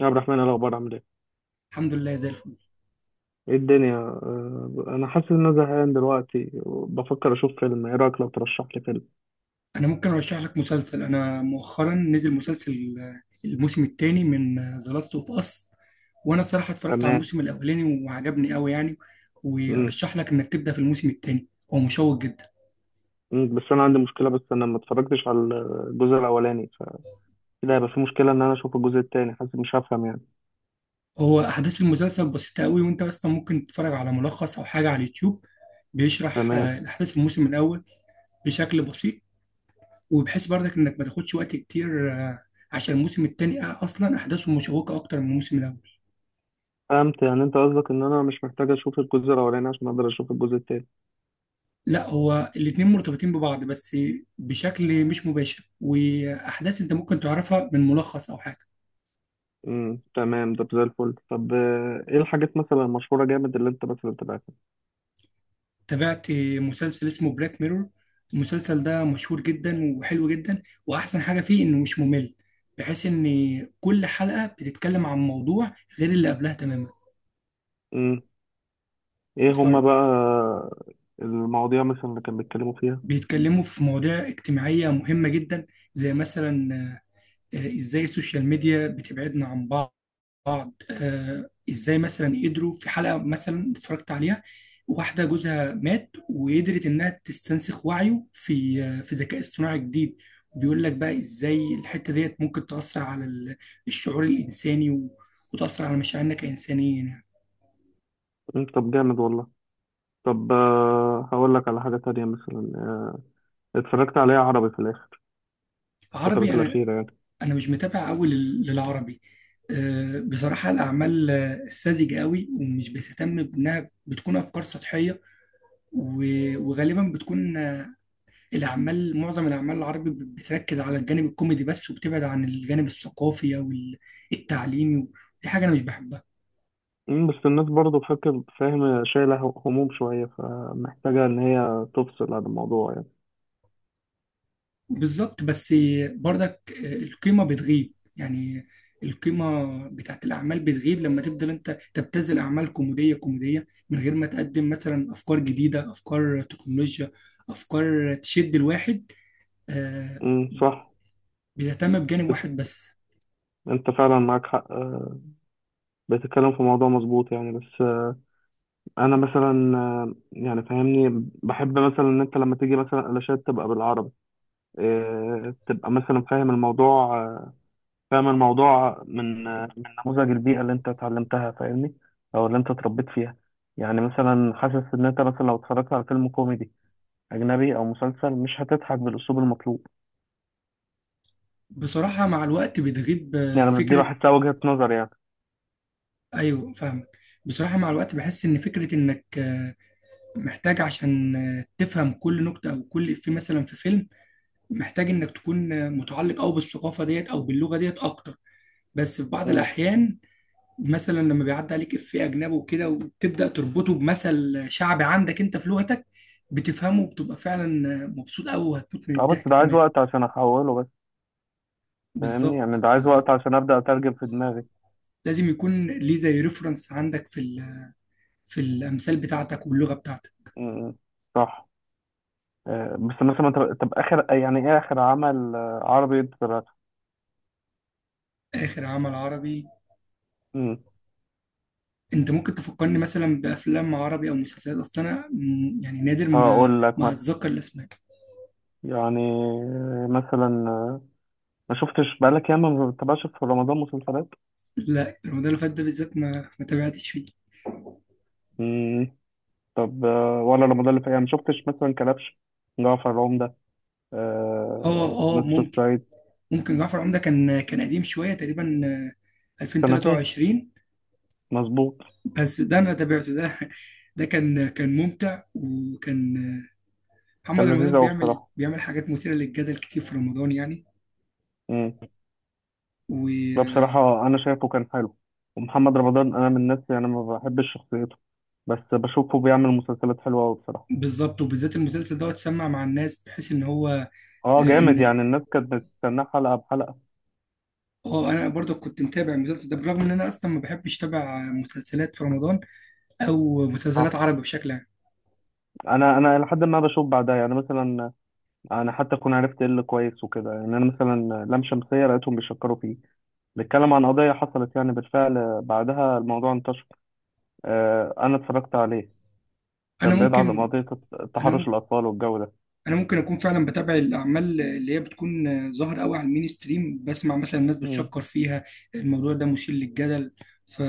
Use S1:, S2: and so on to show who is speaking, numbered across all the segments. S1: يا عبد الرحمن، إيه الأخبار؟ عامل إيه؟
S2: الحمد لله زي الفل.
S1: إيه الدنيا؟ أنا حاسس إن أنا زهقان دلوقتي وبفكر أشوف فيلم. إيه رأيك لو ترشح لي فيلم؟
S2: انا ممكن ارشح لك مسلسل. انا مؤخرا نزل مسلسل، الموسم الثاني من ذا لاست اوف اس. وانا الصراحه اتفرجت على
S1: تمام.
S2: الموسم الاولاني وعجبني قوي يعني.
S1: مم.
S2: وارشح لك انك تبدا في الموسم الثاني. هو مشوق جدا.
S1: مم. بس أنا ما اتفرجتش على الجزء الأولاني، فكده هيبقى في مشكلة إن أنا أشوف الجزء التاني، حاسس مش هفهم يعني.
S2: هو احداث المسلسل بسيطه قوي، وانت بس ممكن تتفرج على ملخص او حاجه على اليوتيوب بيشرح
S1: تمام.
S2: الاحداث في الموسم الاول بشكل بسيط. وبحيث برضك انك ما تاخدش وقت كتير. عشان الموسم الثاني اصلا احداثه مشوقه اكتر من الموسم الاول.
S1: فهمت، يعني أنت قصدك إن أنا مش محتاج أشوف الجزء الأولاني عشان أقدر أشوف الجزء التاني.
S2: لا، هو الاتنين مرتبطين ببعض، بس بشكل مش مباشر، واحداث انت ممكن تعرفها من ملخص او حاجه.
S1: مم. تمام، ده زي الفل. طب إيه الحاجات مثلا المشهورة جامد اللي أنت مثلا تبعتها؟
S2: تابعت مسلسل اسمه بلاك ميرور. المسلسل ده مشهور جدا وحلو جدا، واحسن حاجه فيه انه مش ممل، بحيث ان كل حلقه بتتكلم عن موضوع غير اللي قبلها تماما.
S1: مم. إيه هما
S2: اتفرج.
S1: بقى المواضيع مثلا اللي كانوا بيتكلموا فيها؟
S2: بيتكلموا في مواضيع اجتماعيه مهمه جدا، زي مثلا ازاي السوشيال ميديا بتبعدنا عن بعض. ازاي مثلا قدروا في حلقه مثلا اتفرجت عليها، واحده جوزها مات وقدرت انها تستنسخ وعيه في ذكاء اصطناعي جديد. وبيقول لك بقى ازاي الحته ديت ممكن تاثر على الشعور الانساني وتاثر على مشاعرنا كانسانيين يعني.
S1: مم، طب جامد والله. طب هقول لك على حاجة تانية مثلا. اتفرجت عليها عربي في الآخر،
S2: عربي؟
S1: الفترات
S2: انا
S1: الأخيرة يعني.
S2: انا مش متابع قوي للعربي. بصراحه الاعمال ساذجه قوي ومش بتهتم بانها بتكون افكار سطحيه. وغالبا بتكون. معظم الأعمال العربي بتركز على الجانب الكوميدي بس، وبتبعد عن الجانب الثقافي أو التعليمي. دي حاجة أنا مش بحبها.
S1: مم، بس الناس برضه فاهم شايلة هموم شوية، فمحتاجة إن هي تفصل عن الموضوع يعني.
S2: بالظبط، بس برضك القيمة بتغيب يعني. القيمة بتاعت الأعمال بتغيب لما تفضل أنت تبتذل أعمال كوميدية كوميدية من غير ما تقدم مثلا أفكار جديدة، أفكار تكنولوجيا، أفكار تشد الواحد آه،
S1: مم، صح.
S2: بيهتم بجانب واحد بس.
S1: أنت فعلا معاك حق. بتتكلم في موضوع مظبوط يعني، بس. أنا مثلا يعني فاهمني بحب مثلا إن أنت لما تيجي مثلا علاشات تبقى بالعربي. تبقى مثلا فاهم الموضوع. فاهم الموضوع من نموذج البيئة اللي انت اتعلمتها، فاهمني، او اللي انت اتربيت فيها. يعني مثلا حاسس ان انت مثلا لو اتفرجت على فيلم كوميدي اجنبي او مسلسل، مش هتضحك بالاسلوب المطلوب.
S2: بصراحة مع الوقت بتغيب
S1: يعني دي
S2: فكرة.
S1: بحسها وجهة نظر يعني.
S2: ايوه فاهمك. بصراحه مع الوقت بحس ان فكره انك محتاج عشان تفهم كل نكته او كل افيه مثلا في فيلم، محتاج انك تكون متعلق او بالثقافه ديت او باللغه ديت اكتر، بس في بعض
S1: امم.
S2: الاحيان مثلا لما بيعدي عليك افيه اجنبي وكده وتبدا تربطه بمثل شعبي عندك انت في لغتك، بتفهمه وبتبقى فعلا مبسوط قوي وهتموت من
S1: اه، بس
S2: الضحك
S1: ده عايز
S2: كمان.
S1: وقت عشان احوله بس، فاهمني،
S2: بالظبط
S1: يعني ده عايز وقت
S2: بالظبط.
S1: عشان ابدا اترجم في دماغي.
S2: لازم يكون ليه زي ريفرنس عندك في الامثال بتاعتك واللغه بتاعتك.
S1: امم. صح. بس مثلا، طب اخر، يعني ايه اخر عمل عربي انت تابعته؟
S2: اخر عمل عربي؟
S1: امم.
S2: انت ممكن تفكرني مثلا بافلام عربي او مسلسلات، اصل انا يعني نادر ما
S1: هقول لك
S2: ما
S1: مثلا،
S2: اتذكر الاسماء.
S1: يعني مثلا. ما شفتش بقالك ياما، ما بتتابعش في رمضان مسلسلات؟
S2: لا، رمضان اللي فات ده بالذات ما تابعتش فيه.
S1: مم. طب ولا رمضان اللي فات، يعني ما شفتش مثلا كلبش، جعفر العمدة،
S2: اه اه،
S1: نسر
S2: ممكن.
S1: الصعيد؟
S2: ممكن جعفر العمدة كان قديم شويه تقريبا،
S1: سنتين،
S2: 2023.
S1: مظبوط.
S2: بس ده انا تابعته ده. ده كان ممتع، وكان. محمد
S1: كان لذيذ
S2: رمضان
S1: أوي
S2: بيعمل
S1: بصراحة.
S2: بيعمل حاجات مثيره للجدل كتير في رمضان يعني.
S1: مم. ده بصراحة أنا شايفه كان حلو، ومحمد رمضان أنا من الناس يعني ما بحبش شخصيته، بس بشوفه بيعمل مسلسلات حلوة أوي بصراحة.
S2: وبالظبط وبالذات، المسلسل ده اتسمع مع الناس بحيث ان هو
S1: اه،
S2: آه،
S1: جامد
S2: ان
S1: يعني، الناس كانت بتستناه حلقة بحلقة.
S2: اه، انا برضه كنت متابع المسلسل ده، بالرغم ان انا اصلا ما بحبش اتابع مسلسلات في رمضان او مسلسلات
S1: اه،
S2: عربي بشكل عام.
S1: انا لحد ما بشوف بعدها يعني، مثلا انا حتى اكون عرفت ايه اللي كويس وكده. يعني انا مثلا لام شمسيه لقيتهم بيشكروا فيه، بيتكلم عن قضيه حصلت يعني بالفعل، بعدها الموضوع انتشر. انا اتفرجت عليه،
S2: انا
S1: كان بيدعى
S2: ممكن
S1: قضيه
S2: انا
S1: تحرش
S2: ممكن
S1: الاطفال والجو ده.
S2: انا ممكن اكون فعلا بتابع الاعمال اللي هي بتكون ظاهره قوي على المين ستريم، بسمع مثلا الناس
S1: مم.
S2: بتشكر فيها. الموضوع ده مثير للجدل. ف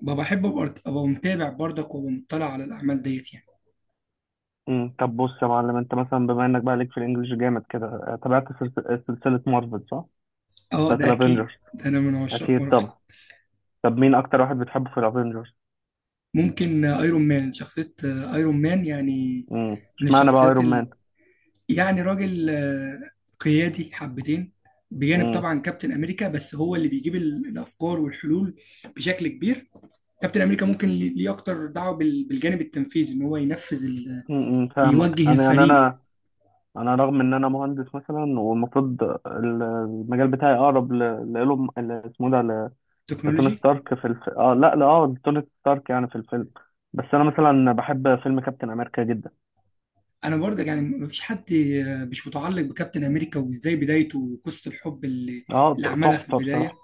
S2: ببقى بحب أبقى متابع برضك، وابقى مطلع على الاعمال ديت يعني.
S1: مم. طب بص يا معلم، انت مثلا بما انك بقى ليك في الانجليش جامد كده، تابعت سلسلة مارفل، صح؟
S2: اه،
S1: بتاعت
S2: ده اكيد،
S1: الافينجرز؟
S2: ده انا من عشاق
S1: اكيد
S2: مارفل.
S1: طبعا. طب مين اكتر واحد بتحبه في الافينجرز؟
S2: ممكن ايرون مان، شخصيه ايرون مان يعني. من
S1: اشمعنى بقى
S2: الشخصيات.
S1: ايرون مان؟
S2: يعني راجل قيادي حبتين، بجانب طبعا كابتن امريكا، بس هو اللي بيجيب الافكار والحلول بشكل كبير. كابتن امريكا ممكن ليه اكتر دعوه بالجانب التنفيذي، ان هو ينفذ
S1: فاهمك
S2: يوجه
S1: انا، يعني
S2: الفريق.
S1: انا رغم ان انا مهندس مثلا، والمفروض المجال بتاعي اقرب لايلون، اسمه ده، لتوني
S2: تكنولوجي.
S1: ستارك في الف... اه لا لا اه لتوني ستارك يعني في الفيلم. بس انا مثلا بحب فيلم كابتن امريكا جدا.
S2: انا برضه يعني مفيش حد مش متعلق بكابتن امريكا، وازاي بدايته وقصه الحب اللي
S1: اه،
S2: اللي عملها في
S1: تحفه
S2: البدايه.
S1: بصراحه.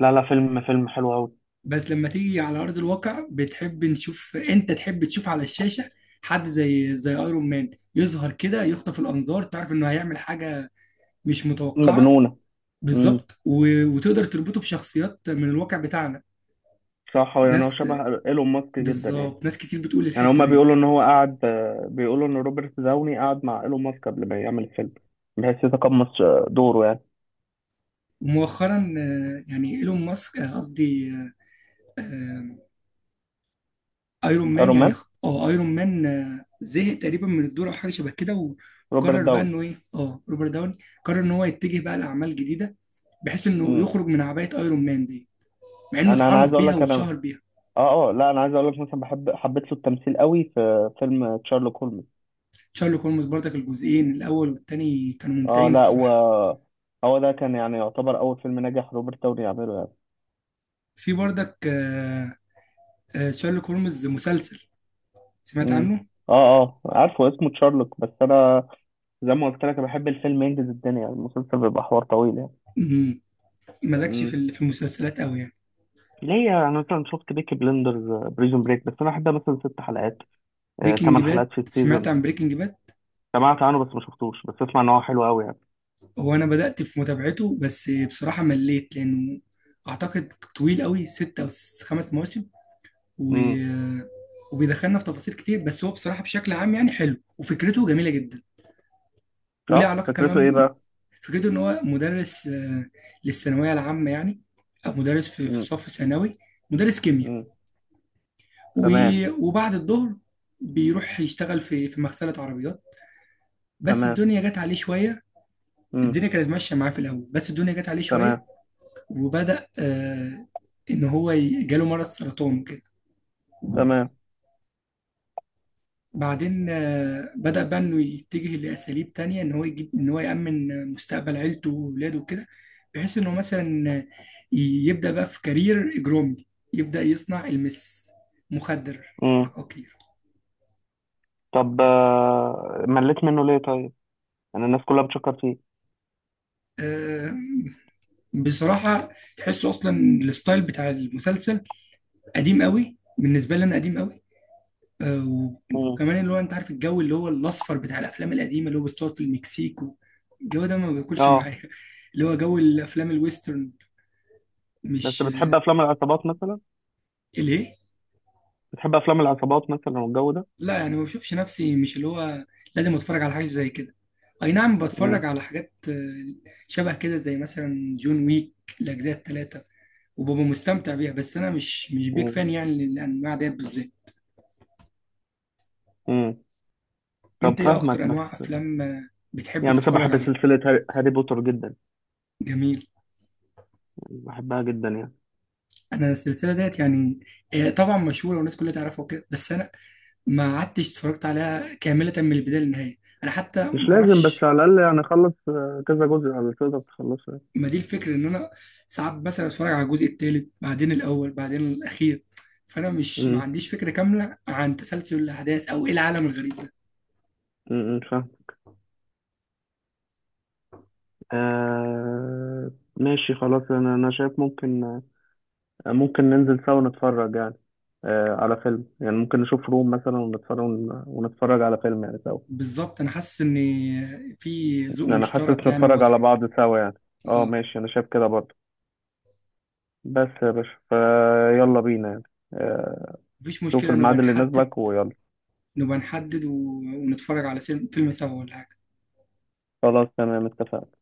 S1: لا، لا، فيلم حلو قوي.
S2: بس لما تيجي على أرض الواقع، بتحب نشوف أنت تحب تشوف على الشاشة حد زي ايرون مان يظهر كده يخطف الأنظار، تعرف إنه هيعمل حاجة مش متوقعة.
S1: مجنونه. امم.
S2: بالظبط. وتقدر تربطه بشخصيات من الواقع بتاعنا.
S1: صح. هو يعني هو
S2: ناس
S1: شبه ايلون ماسك جدا يعني.
S2: بالظبط، ناس كتير بتقول
S1: يعني
S2: الحتة
S1: هما
S2: ديت.
S1: بيقولوا ان هو قعد، بيقولوا ان روبرت داوني قعد مع ايلون ماسك قبل ما يعمل الفيلم، بحيث يتقمص دوره يعني.
S2: ومؤخرا يعني ايلون ماسك، قصدي آه، ايرون مان،
S1: ايرون
S2: يعني
S1: مان.
S2: اه ايرون مان زهق تقريبا من الدور او حاجه شبه كده،
S1: روبرت
S2: وقرر بقى
S1: داوني.
S2: انه ايه، اه، روبرت داوني قرر ان هو يتجه بقى لاعمال جديده، بحيث انه
S1: امم
S2: يخرج من عبايه ايرون مان دي، مع انه
S1: انا عايز
S2: اتعرف
S1: اقول
S2: بيها
S1: لك، انا
S2: واتشهر بيها.
S1: اه، اه، لا، انا عايز اقول لك مثلا، حبيت له التمثيل قوي في فيلم تشارلوك هولمز.
S2: شارلوك هولمز برضك، الجزئين الاول والتاني كانوا
S1: اه،
S2: ممتعين
S1: لا، و
S2: الصراحه.
S1: هو ده كان، يعني يعتبر اول فيلم ناجح روبرت داوني يعمله يعني.
S2: في برضك شارلوك هولمز مسلسل، سمعت
S1: امم.
S2: عنه.
S1: اه، اه، عارفه اسمه تشارلوك، بس انا زي ما قلت لك، انا بحب الفيلم ينجز الدنيا، المسلسل بيبقى حوار طويل يعني.
S2: مم. مالكش في
S1: امم
S2: ال- في المسلسلات قوي يعني.
S1: ليا انا مثلا شفت بيكي بلندرز، بريزون بريك، بس انا احبها مثلا 6 حلقات،
S2: بريكنج
S1: تمن
S2: باد،
S1: حلقات في
S2: سمعت
S1: السيزون.
S2: عن بريكنج باد.
S1: سمعت عنه بس ما شفتوش، بس اسمع ان هو حلو قوي يعني.
S2: هو انا بدأت في متابعته، بس بصراحة مليت لانه اعتقد طويل قوي، ستة او خمس مواسم و...
S1: امم.
S2: وبيدخلنا في تفاصيل كتير، بس هو بصراحة بشكل عام يعني حلو، وفكرته جميلة جدا، وليه
S1: صح،
S2: علاقة
S1: فكرته ايه
S2: كمان.
S1: بقى؟
S2: فكرته ان هو مدرس للثانوية العامة يعني، او مدرس في
S1: امم.
S2: صف ثانوي، مدرس كيمياء
S1: امم.
S2: و...
S1: تمام.
S2: وبعد الظهر بيروح يشتغل في مغسلة عربيات، بس
S1: تمام.
S2: الدنيا جت عليه شوية.
S1: مم.
S2: الدنيا كانت ماشية معاه في الأول، بس الدنيا جت عليه شوية.
S1: تمام.
S2: وبدأ إن هو جاله مرض سرطان كده.
S1: تمام.
S2: بعدين بدأ بقى إنه يتجه لأساليب تانية، إن هو يجيب، إن هو يأمن مستقبل عيلته وولاده وكده، بحيث إنه مثلا يبدأ بقى في كارير إجرامي، يبدأ يصنع مخدر،
S1: امم
S2: عقاقير.
S1: طب مليت منه ليه طيب؟ يعني الناس كلها بتشكر فيه.
S2: آه، بصراحة، تحسه أصلا الستايل بتاع المسلسل قديم قوي بالنسبة لي، أنا قديم قوي و-
S1: امم.
S2: وكمان اللي هو انت عارف الجو اللي هو الاصفر بتاع الافلام القديمه، اللي هو بتصور في المكسيك، الجو ده ما بياكلش
S1: اه،
S2: معايا اللي هو جو الافلام الويسترن،
S1: بس
S2: مش
S1: بتحب
S2: آه،
S1: افلام العصابات مثلا؟
S2: ليه؟
S1: بتحب افلام العصابات مثلا والجو ده؟
S2: لا، يعني ما بشوفش نفسي، مش اللي هو لازم اتفرج على حاجه زي كده. اي نعم،
S1: امم.
S2: بتفرج على حاجات شبه كده زي مثلا جون ويك، الاجزاء الثلاثه، وببقى مستمتع بيها، بس انا مش بيك
S1: امم.
S2: فان يعني للانواع ديت بالذات.
S1: امم طب
S2: انت ايه اكتر
S1: فاهمك
S2: انواع
S1: بس.
S2: افلام بتحب
S1: يعني بس
S2: تتفرج
S1: بحب
S2: عليها؟
S1: سلسلة هاري بوتر جدا،
S2: جميل.
S1: يعني بحبها جدا يعني.
S2: انا السلسله ديت يعني طبعا مشهوره والناس كلها تعرفها وكده، بس انا ما قعدتش اتفرجت عليها كامله من البدايه للنهايه، انا حتى
S1: مش
S2: ما
S1: لازم، بس
S2: اعرفش.
S1: على الأقل يعني أخلص كذا جزء على تقدر تخلصه يعني.
S2: ما دي الفكره، ان انا ساعات مثلا اتفرج على الجزء الثالث بعدين الاول بعدين الاخير، فانا مش ما
S1: امم.
S2: عنديش فكره كامله عن تسلسل الاحداث او ايه العالم الغريب ده.
S1: أمم، فاهم. آه، ماشي خلاص. أنا شايف ممكن، ننزل سوا نتفرج يعني، على فيلم يعني، ممكن نشوف روم مثلا ونتفرج، على فيلم يعني سوا.
S2: بالظبط. انا حاسس ان في ذوق
S1: يعني انا حاسس
S2: مشترك يعني
S1: نتفرج على
S2: واضح.
S1: بعض سوا يعني. اه،
S2: اه،
S1: ماشي، انا شايف كده برضه. بس يا باشا، فيلا بينا يعني. آه،
S2: مفيش
S1: شوف
S2: مشكله، نبقى
S1: الميعاد اللي
S2: نحدد.
S1: يناسبك ويلا.
S2: نبقى نحدد، ونتفرج على فيلم سوا ولا حاجه.
S1: خلاص، تمام، اتفقنا.